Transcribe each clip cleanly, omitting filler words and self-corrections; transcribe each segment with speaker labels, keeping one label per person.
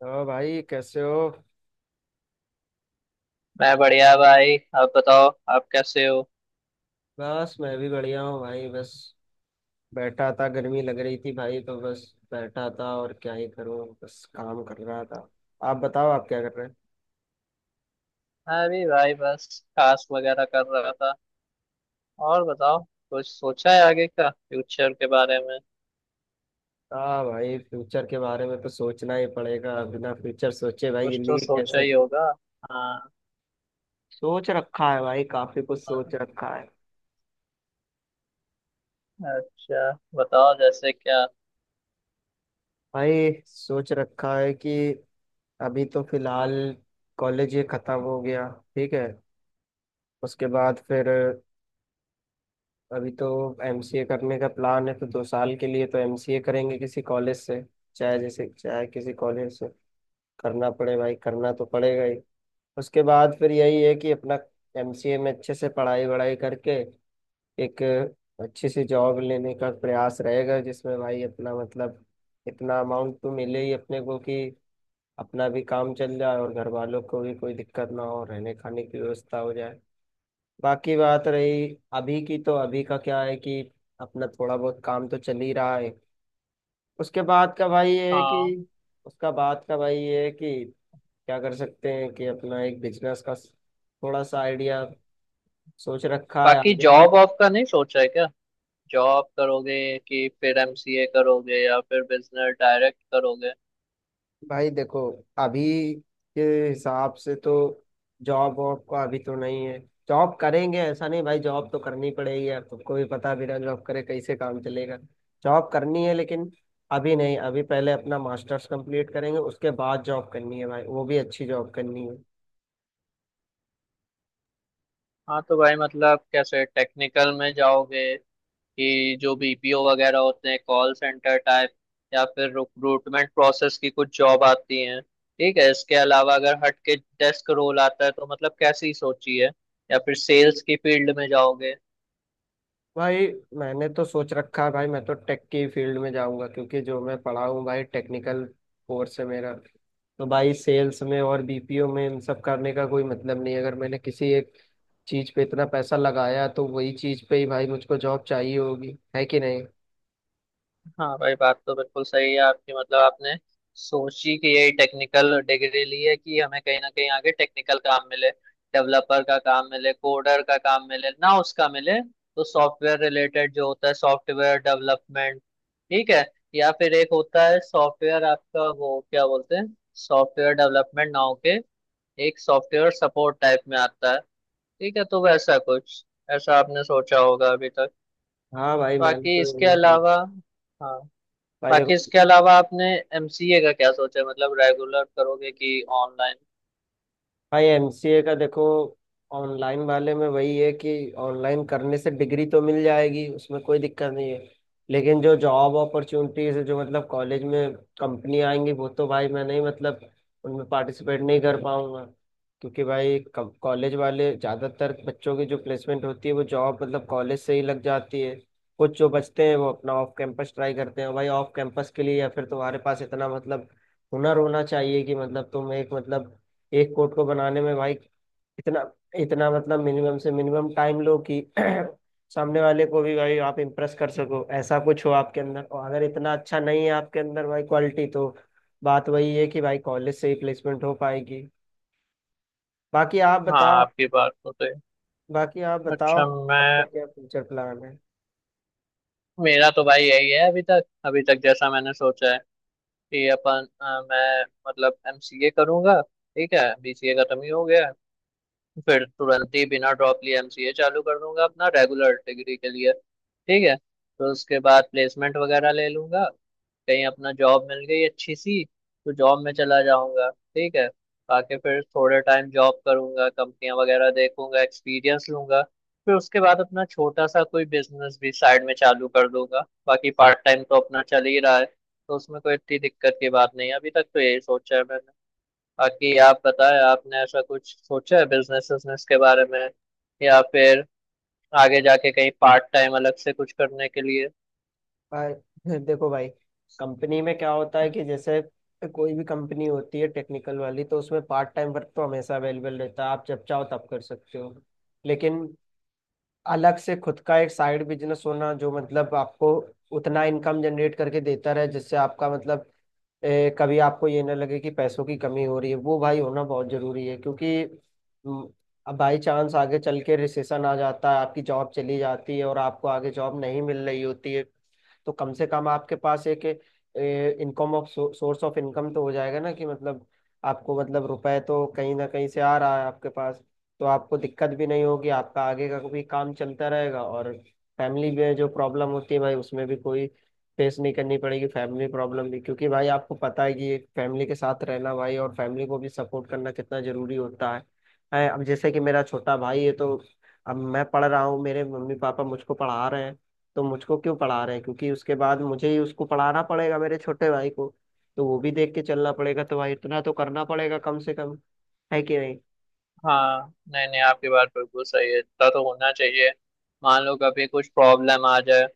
Speaker 1: तो भाई कैसे हो।
Speaker 2: मैं बढ़िया भाई। आप बताओ, आप कैसे हो?
Speaker 1: बस मैं भी बढ़िया हूँ भाई बस। बैठा था, गर्मी लग रही थी भाई, तो बस बैठा था। और क्या ही करूँ, बस काम कर रहा था। आप बताओ, आप क्या कर रहे हैं।
Speaker 2: मैं भी भाई, बस कास्ट वगैरह कर रहा था। और बताओ, कुछ सोचा है आगे का फ्यूचर के बारे में?
Speaker 1: हाँ भाई, फ्यूचर के बारे में तो सोचना ही पड़ेगा, बिना फ्यूचर सोचे भाई
Speaker 2: कुछ तो
Speaker 1: जिंदगी
Speaker 2: सोचा
Speaker 1: कैसे।
Speaker 2: ही होगा। हाँ।
Speaker 1: सोच रखा है भाई, काफी कुछ सोच
Speaker 2: हाँ।
Speaker 1: रखा है।
Speaker 2: अच्छा, बताओ जैसे क्या।
Speaker 1: भाई सोच रखा है कि अभी तो फिलहाल कॉलेज ये खत्म हो गया, ठीक है। उसके बाद फिर अभी तो एमसीए करने का प्लान है, तो 2 साल के लिए तो एमसीए करेंगे किसी कॉलेज से। चाहे जैसे चाहे, किसी कॉलेज से करना पड़े भाई, करना तो पड़ेगा ही। उसके बाद फिर यही है कि अपना एमसीए में अच्छे से पढ़ाई वढ़ाई करके एक अच्छी सी जॉब लेने का प्रयास रहेगा, जिसमें भाई अपना मतलब इतना अमाउंट तो मिले ही अपने को कि अपना भी काम चल जाए और घर वालों को भी कोई दिक्कत ना हो, रहने खाने की व्यवस्था हो जाए। बाकी बात रही अभी की, तो अभी का क्या है कि अपना थोड़ा बहुत काम तो चल ही रहा है। उसके बाद का भाई ये है
Speaker 2: हाँ।
Speaker 1: कि उसका बाद का भाई ये है कि क्या कर सकते हैं कि अपना एक बिजनेस का थोड़ा सा आइडिया सोच रखा है
Speaker 2: बाकी
Speaker 1: आगे।
Speaker 2: जॉब वॉब का नहीं सोचा है क्या? जॉब करोगे कि फिर एमसीए करोगे या फिर बिजनेस डायरेक्ट करोगे?
Speaker 1: भाई देखो, अभी के हिसाब से तो जॉब वॉब का अभी तो नहीं है। जॉब करेंगे ऐसा नहीं, भाई जॉब तो करनी पड़ेगी, यार तुमको भी पता है, बिना जॉब करे कैसे काम चलेगा। जॉब करनी है लेकिन अभी नहीं, अभी पहले अपना मास्टर्स कंप्लीट करेंगे, उसके बाद जॉब करनी है भाई, वो भी अच्छी जॉब करनी है।
Speaker 2: हाँ तो भाई मतलब कैसे, टेक्निकल में जाओगे? कि जो बीपीओ वगैरह होते हैं कॉल सेंटर टाइप, या फिर रिक्रूटमेंट प्रोसेस की कुछ जॉब आती हैं, ठीक है। इसके अलावा अगर हट के डेस्क रोल आता है तो मतलब कैसी सोची है, या फिर सेल्स की फील्ड में जाओगे?
Speaker 1: भाई मैंने तो सोच रखा है भाई, मैं तो टेक की फील्ड में जाऊंगा, क्योंकि जो मैं पढ़ा हूँ भाई टेक्निकल कोर्स है मेरा। तो भाई सेल्स में और बीपीओ में इन सब करने का कोई मतलब नहीं है। अगर मैंने किसी एक चीज पे इतना पैसा लगाया तो वही चीज पे ही भाई मुझको जॉब चाहिए होगी, है कि नहीं।
Speaker 2: हाँ भाई, बात तो बिल्कुल सही है आपकी। मतलब आपने सोची कि यही टेक्निकल डिग्री ली है कि हमें कहीं ना कहीं आगे टेक्निकल काम मिले, डेवलपर का काम मिले, कोडर का काम मिले। ना उसका मिले तो सॉफ्टवेयर रिलेटेड जो होता है, सॉफ्टवेयर डेवलपमेंट, ठीक है। या फिर एक होता है सॉफ्टवेयर आपका, वो क्या बोलते हैं, सॉफ्टवेयर डेवलपमेंट ना होके एक सॉफ्टवेयर सपोर्ट टाइप में आता है, ठीक है। तो वैसा कुछ ऐसा आपने सोचा होगा अभी तक।
Speaker 1: हाँ भाई, मैंने
Speaker 2: बाकी
Speaker 1: तो
Speaker 2: इसके अलावा, हाँ,
Speaker 1: भाई
Speaker 2: बाकी
Speaker 1: देखो
Speaker 2: इसके अलावा आपने एमसीए का क्या सोचा है? मतलब रेगुलर करोगे कि ऑनलाइन?
Speaker 1: भाई, एमसीए का देखो, ऑनलाइन वाले में वही है कि ऑनलाइन करने से डिग्री तो मिल जाएगी, उसमें कोई दिक्कत नहीं है। लेकिन जो जॉब अपॉर्चुनिटीज है, जो मतलब कॉलेज में कंपनी आएंगी, वो तो भाई मैं नहीं, मतलब उनमें पार्टिसिपेट नहीं कर पाऊंगा। क्योंकि भाई कॉलेज वाले ज़्यादातर बच्चों की जो प्लेसमेंट होती है, वो जॉब मतलब कॉलेज से ही लग जाती है। कुछ जो बचते हैं वो अपना ऑफ कैंपस ट्राई करते हैं भाई, ऑफ कैंपस के लिए या फिर तुम्हारे पास इतना मतलब हुनर होना चाहिए कि मतलब तुम एक मतलब एक कोट को बनाने में भाई इतना इतना, मतलब मिनिमम से मिनिमम टाइम लो कि सामने वाले को भी भाई आप इम्प्रेस कर सको, ऐसा कुछ हो आपके अंदर। और अगर इतना अच्छा नहीं है आपके अंदर भाई क्वालिटी, तो बात वही है कि भाई कॉलेज से ही प्लेसमेंट हो पाएगी। बाकी आप
Speaker 2: हाँ
Speaker 1: बताओ।
Speaker 2: आपकी बात तो सही।
Speaker 1: बाकी आप बताओ
Speaker 2: अच्छा
Speaker 1: आपका
Speaker 2: मैं,
Speaker 1: क्या फ्यूचर प्लान है।
Speaker 2: मेरा तो भाई यही है अभी तक। अभी तक जैसा मैंने सोचा है कि अपन मैं मतलब एमसीए करूंगा, ठीक है। बीसीए खत्म ही हो गया है। फिर तुरंत ही बिना ड्रॉप लिए एमसीए चालू कर दूंगा अपना, रेगुलर डिग्री के लिए, ठीक है। तो उसके बाद प्लेसमेंट वगैरह ले लूंगा, कहीं अपना जॉब मिल गई अच्छी सी तो जॉब में चला जाऊंगा, ठीक है। आके फिर थोड़े टाइम जॉब करूंगा, कंपनियां वगैरह देखूंगा, एक्सपीरियंस लूंगा। फिर उसके बाद अपना छोटा सा कोई बिजनेस भी साइड में चालू कर दूंगा। बाकी पार्ट टाइम तो अपना चल ही रहा है तो उसमें कोई इतनी दिक्कत की बात नहीं है। अभी तक तो यही सोचा है मैंने। बाकी आप बताएं, आपने ऐसा कुछ सोचा है बिजनेस बिजनेस के बारे में, या फिर आगे जाके कहीं पार्ट टाइम अलग से कुछ करने के लिए?
Speaker 1: भाई देखो भाई, कंपनी में क्या होता है कि जैसे कोई भी कंपनी होती है टेक्निकल वाली, तो उसमें पार्ट टाइम वर्क तो हमेशा अवेलेबल रहता है, आप जब चाहो तब कर सकते हो। लेकिन अलग से खुद का एक साइड बिजनेस होना, जो मतलब आपको उतना इनकम जनरेट करके देता रहे, जिससे आपका मतलब कभी आपको ये ना लगे कि पैसों की कमी हो रही है, वो भाई होना बहुत जरूरी है। क्योंकि म, अब बाई चांस आगे चल के रिसेशन आ जाता है, आपकी जॉब चली जाती है और आपको आगे जॉब नहीं मिल रही होती है, तो कम से कम आपके पास एक income of source of income तो हो जाएगा ना, कि मतलब आपको मतलब रुपए तो कहीं ना कहीं से आ रहा है आपके पास। तो आपको दिक्कत भी नहीं होगी, आपका आगे का भी काम चलता रहेगा। और फैमिली में जो प्रॉब्लम होती है भाई, उसमें भी कोई फेस नहीं करनी पड़ेगी फैमिली प्रॉब्लम भी, क्योंकि भाई आपको पता है कि फैमिली के साथ रहना भाई और फैमिली को भी सपोर्ट करना कितना जरूरी होता है, अब जैसे कि मेरा छोटा भाई है, तो अब मैं पढ़ रहा हूँ, मेरे मम्मी पापा मुझको पढ़ा रहे हैं। तो मुझको क्यों पढ़ा रहे हैं, क्योंकि उसके बाद मुझे ही उसको पढ़ाना पड़ेगा मेरे छोटे भाई को। तो वो भी देख के चलना पड़ेगा, तो भाई इतना तो करना पड़ेगा कम से कम, है कि नहीं।
Speaker 2: हाँ, नहीं नहीं आपकी बात बिल्कुल सही है, इतना तो होना चाहिए। मान लो कभी कुछ प्रॉब्लम आ जाए,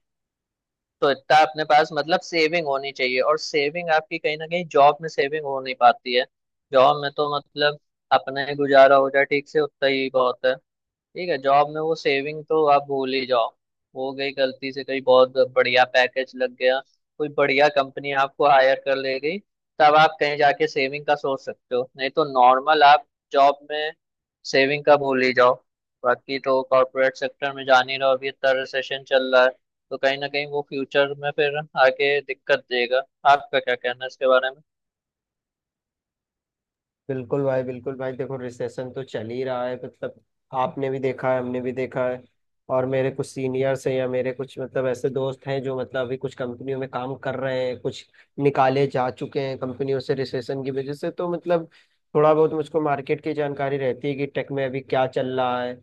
Speaker 2: तो इतना अपने पास मतलब सेविंग होनी चाहिए। और सेविंग आपकी कहीं ना कहीं जॉब में सेविंग हो नहीं पाती है। जॉब में तो मतलब अपना ही गुजारा हो जाए ठीक से उतना ही बहुत है, ठीक है। जॉब में वो सेविंग तो आप भूल ही जाओ। हो गई गलती से कहीं बहुत बढ़िया पैकेज लग गया, कोई बढ़िया कंपनी आपको हायर कर ले गई, तब आप कहीं जाके सेविंग का सोच सकते हो। नहीं तो नॉर्मल आप जॉब में सेविंग का भूल ही जाओ। बाकी तो कॉर्पोरेट सेक्टर में जान ही रहो, अभी इतना रिसेशन चल रहा है तो कहीं ना कहीं वो फ्यूचर में फिर आगे दिक्कत देगा। आपका क्या कहना है इसके बारे में?
Speaker 1: बिल्कुल भाई बिल्कुल भाई, देखो रिसेशन तो चल ही रहा है, मतलब आपने भी देखा है, हमने भी देखा है। और मेरे कुछ सीनियर्स हैं या मेरे कुछ मतलब ऐसे दोस्त हैं जो मतलब अभी कुछ कंपनियों में काम कर रहे हैं, कुछ निकाले जा चुके हैं कंपनियों से रिसेशन की वजह से। तो मतलब थोड़ा बहुत मुझको मार्केट की जानकारी रहती है कि टेक में अभी क्या चल रहा है,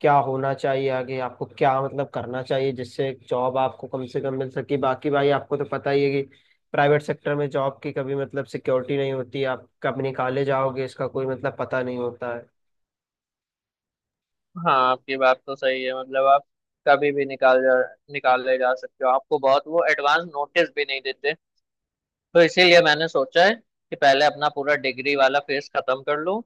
Speaker 1: क्या होना चाहिए, आगे आपको क्या मतलब करना चाहिए जिससे जॉब आपको कम से कम मिल सके। बाकी भाई आपको तो पता ही है कि प्राइवेट सेक्टर में जॉब की कभी मतलब सिक्योरिटी नहीं होती, आप कब निकाले जाओगे इसका कोई मतलब पता नहीं होता है।
Speaker 2: हाँ आपकी बात तो सही है। मतलब आप कभी भी निकाले जा सकते हो, आपको बहुत वो एडवांस नोटिस भी नहीं देते। तो इसीलिए मैंने सोचा है कि पहले अपना पूरा डिग्री वाला फेस खत्म कर लूं,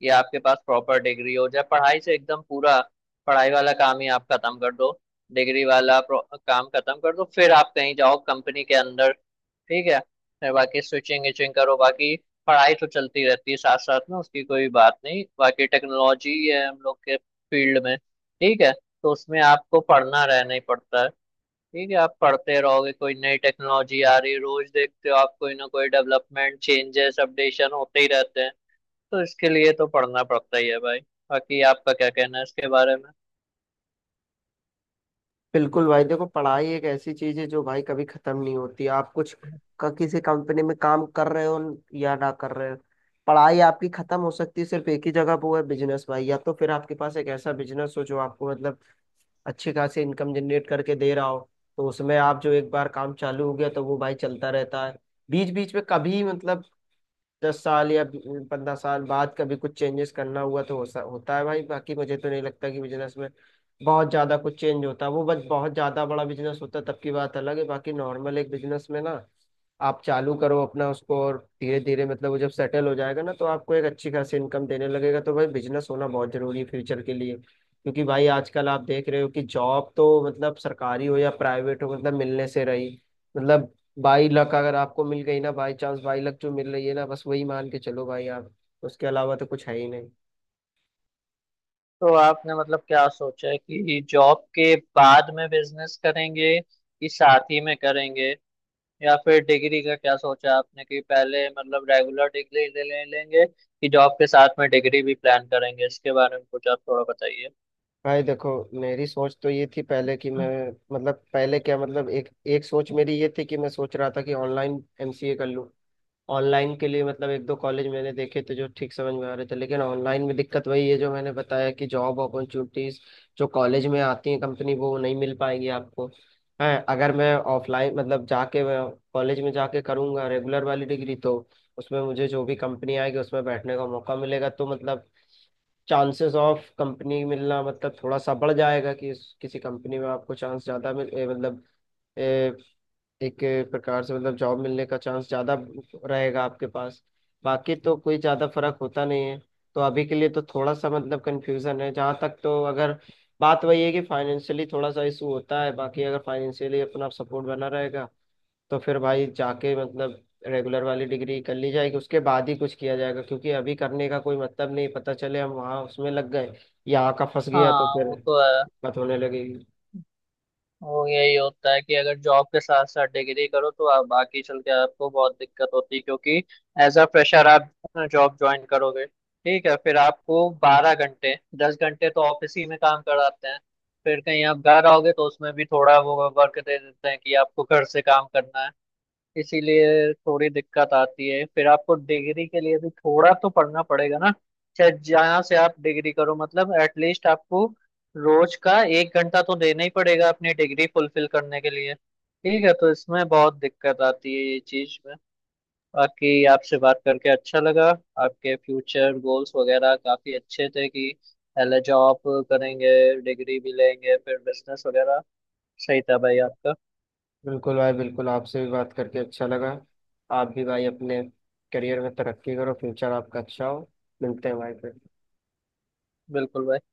Speaker 2: कि आपके पास प्रॉपर डिग्री हो जाए, पढ़ाई से एकदम पूरा पढ़ाई वाला काम ही आप खत्म कर दो। डिग्री वाला काम खत्म कर दो, फिर आप कहीं जाओ कंपनी के अंदर, ठीक है। फिर बाकी स्विचिंग इचिंग करो। बाकी पढ़ाई तो चलती रहती है साथ साथ में, उसकी कोई बात नहीं। बाकी टेक्नोलॉजी है हम लोग के फील्ड में, ठीक है, तो उसमें आपको पढ़ना रहना ही पड़ता है, ठीक है। आप पढ़ते रहोगे, कोई नई टेक्नोलॉजी आ रही है, रोज देखते हो आप, कोई ना कोई डेवलपमेंट, चेंजेस, अपडेशन होते ही रहते हैं। तो इसके लिए तो पढ़ना पड़ता ही है भाई। बाकी आपका क्या कहना है इसके बारे में?
Speaker 1: बिल्कुल भाई देखो, पढ़ाई एक ऐसी चीज है जो भाई कभी खत्म नहीं होती। आप कुछ किसी कंपनी में काम कर रहे हो या ना कर रहे हो, पढ़ाई आपकी खत्म हो सकती है सिर्फ एक ही जगह पे, वो है बिजनेस भाई। या तो फिर आपके पास एक ऐसा बिजनेस हो जो आपको मतलब अच्छी खासी इनकम जनरेट करके दे रहा हो, तो उसमें आप जो एक बार काम चालू हो गया तो वो भाई चलता रहता है। बीच बीच में कभी मतलब 10 साल या 15 साल बाद कभी कुछ चेंजेस करना हुआ तो होता है भाई। बाकी मुझे तो नहीं लगता कि बिजनेस में बहुत ज्यादा कुछ चेंज होता है, वो बस बहुत ज्यादा बड़ा बिजनेस होता है तब की बात अलग है। बाकी नॉर्मल एक बिजनेस में ना, आप चालू करो अपना उसको, और धीरे धीरे मतलब वो जब सेटल हो जाएगा ना, तो आपको एक अच्छी खासी इनकम देने लगेगा। तो भाई बिजनेस होना बहुत जरूरी है फ्यूचर के लिए, क्योंकि भाई आजकल आप देख रहे हो कि जॉब तो मतलब सरकारी हो या प्राइवेट हो, मतलब मिलने से रही। मतलब बाई लक अगर आपको मिल गई ना, बाई चांस बाई लक जो मिल रही है ना, बस वही मान के चलो भाई आप, उसके अलावा तो कुछ है ही नहीं।
Speaker 2: तो आपने मतलब क्या सोचा है कि जॉब के बाद में बिजनेस करेंगे कि साथ ही में करेंगे? या फिर डिग्री का क्या सोचा आपने, कि पहले मतलब रेगुलर डिग्री ले लेंगे कि जॉब के साथ में डिग्री भी प्लान करेंगे? इसके बारे में कुछ आप थोड़ा बताइए।
Speaker 1: भाई देखो, मेरी सोच तो ये थी पहले कि मैं, मतलब पहले क्या, मतलब एक एक सोच मेरी ये थी कि मैं सोच रहा था कि ऑनलाइन एमसीए कर लूँ। ऑनलाइन के लिए मतलब एक दो कॉलेज मैंने देखे थे जो ठीक समझ में आ रहे थे, लेकिन ऑनलाइन में दिक्कत वही है जो मैंने बताया कि जॉब अपॉर्चुनिटीज जो कॉलेज में आती है कंपनी, वो नहीं मिल पाएंगी आपको। है, अगर मैं ऑफलाइन मतलब जाके कॉलेज में जाके करूंगा रेगुलर वाली डिग्री, तो उसमें मुझे जो भी कंपनी आएगी उसमें बैठने का मौका मिलेगा, तो मतलब चांसेस ऑफ कंपनी मिलना मतलब थोड़ा सा बढ़ जाएगा कि किसी कंपनी में आपको चांस ज्यादा मिल, मतलब एक प्रकार से मतलब जॉब मिलने का चांस ज़्यादा रहेगा आपके पास। बाकी तो कोई ज़्यादा फर्क होता नहीं है। तो अभी के लिए तो थोड़ा सा मतलब कंफ्यूजन है जहाँ तक, तो अगर बात वही है कि फाइनेंशियली थोड़ा सा इशू होता है। बाकी अगर फाइनेंशियली अपना सपोर्ट बना रहेगा, तो फिर भाई जाके मतलब रेगुलर वाली डिग्री कर ली जाएगी, उसके बाद ही कुछ किया जाएगा। क्योंकि अभी करने का कोई मतलब नहीं, पता चले हम वहाँ उसमें लग गए, यहाँ का फंस गया, तो
Speaker 2: हाँ
Speaker 1: फिर
Speaker 2: वो तो है।
Speaker 1: दिक्कत होने लगेगी।
Speaker 2: वो यही होता है कि अगर जॉब के साथ साथ डिग्री करो तो आप बाकी चल के आपको बहुत दिक्कत होती है, क्योंकि एज अ फ्रेशर आप जॉब ज्वाइन करोगे, ठीक है, फिर आपको 12 घंटे, 10 घंटे तो ऑफिस ही में काम कराते हैं। फिर कहीं आप घर आओगे तो उसमें भी थोड़ा वो वर्क दे देते हैं कि आपको घर से काम करना है। इसीलिए थोड़ी दिक्कत आती है। फिर आपको डिग्री के लिए भी थोड़ा तो पढ़ना पड़ेगा ना, चाहे जहाँ से आप डिग्री करो। मतलब एटलीस्ट आपको रोज का 1 घंटा तो देना ही पड़ेगा अपनी डिग्री फुलफिल करने के लिए, ठीक है। तो इसमें बहुत दिक्कत आती है, ये चीज में। बाकी आपसे बात करके अच्छा लगा। आपके फ्यूचर गोल्स वगैरह काफी अच्छे थे, कि पहले जॉब करेंगे, डिग्री भी लेंगे, फिर बिजनेस वगैरह। सही था भाई आपका।
Speaker 1: बिल्कुल भाई बिल्कुल, आपसे भी बात करके अच्छा लगा। आप भी भाई अपने करियर में तरक्की करो, फ्यूचर आपका अच्छा हो। मिलते हैं भाई फिर।
Speaker 2: बिल्कुल भाई।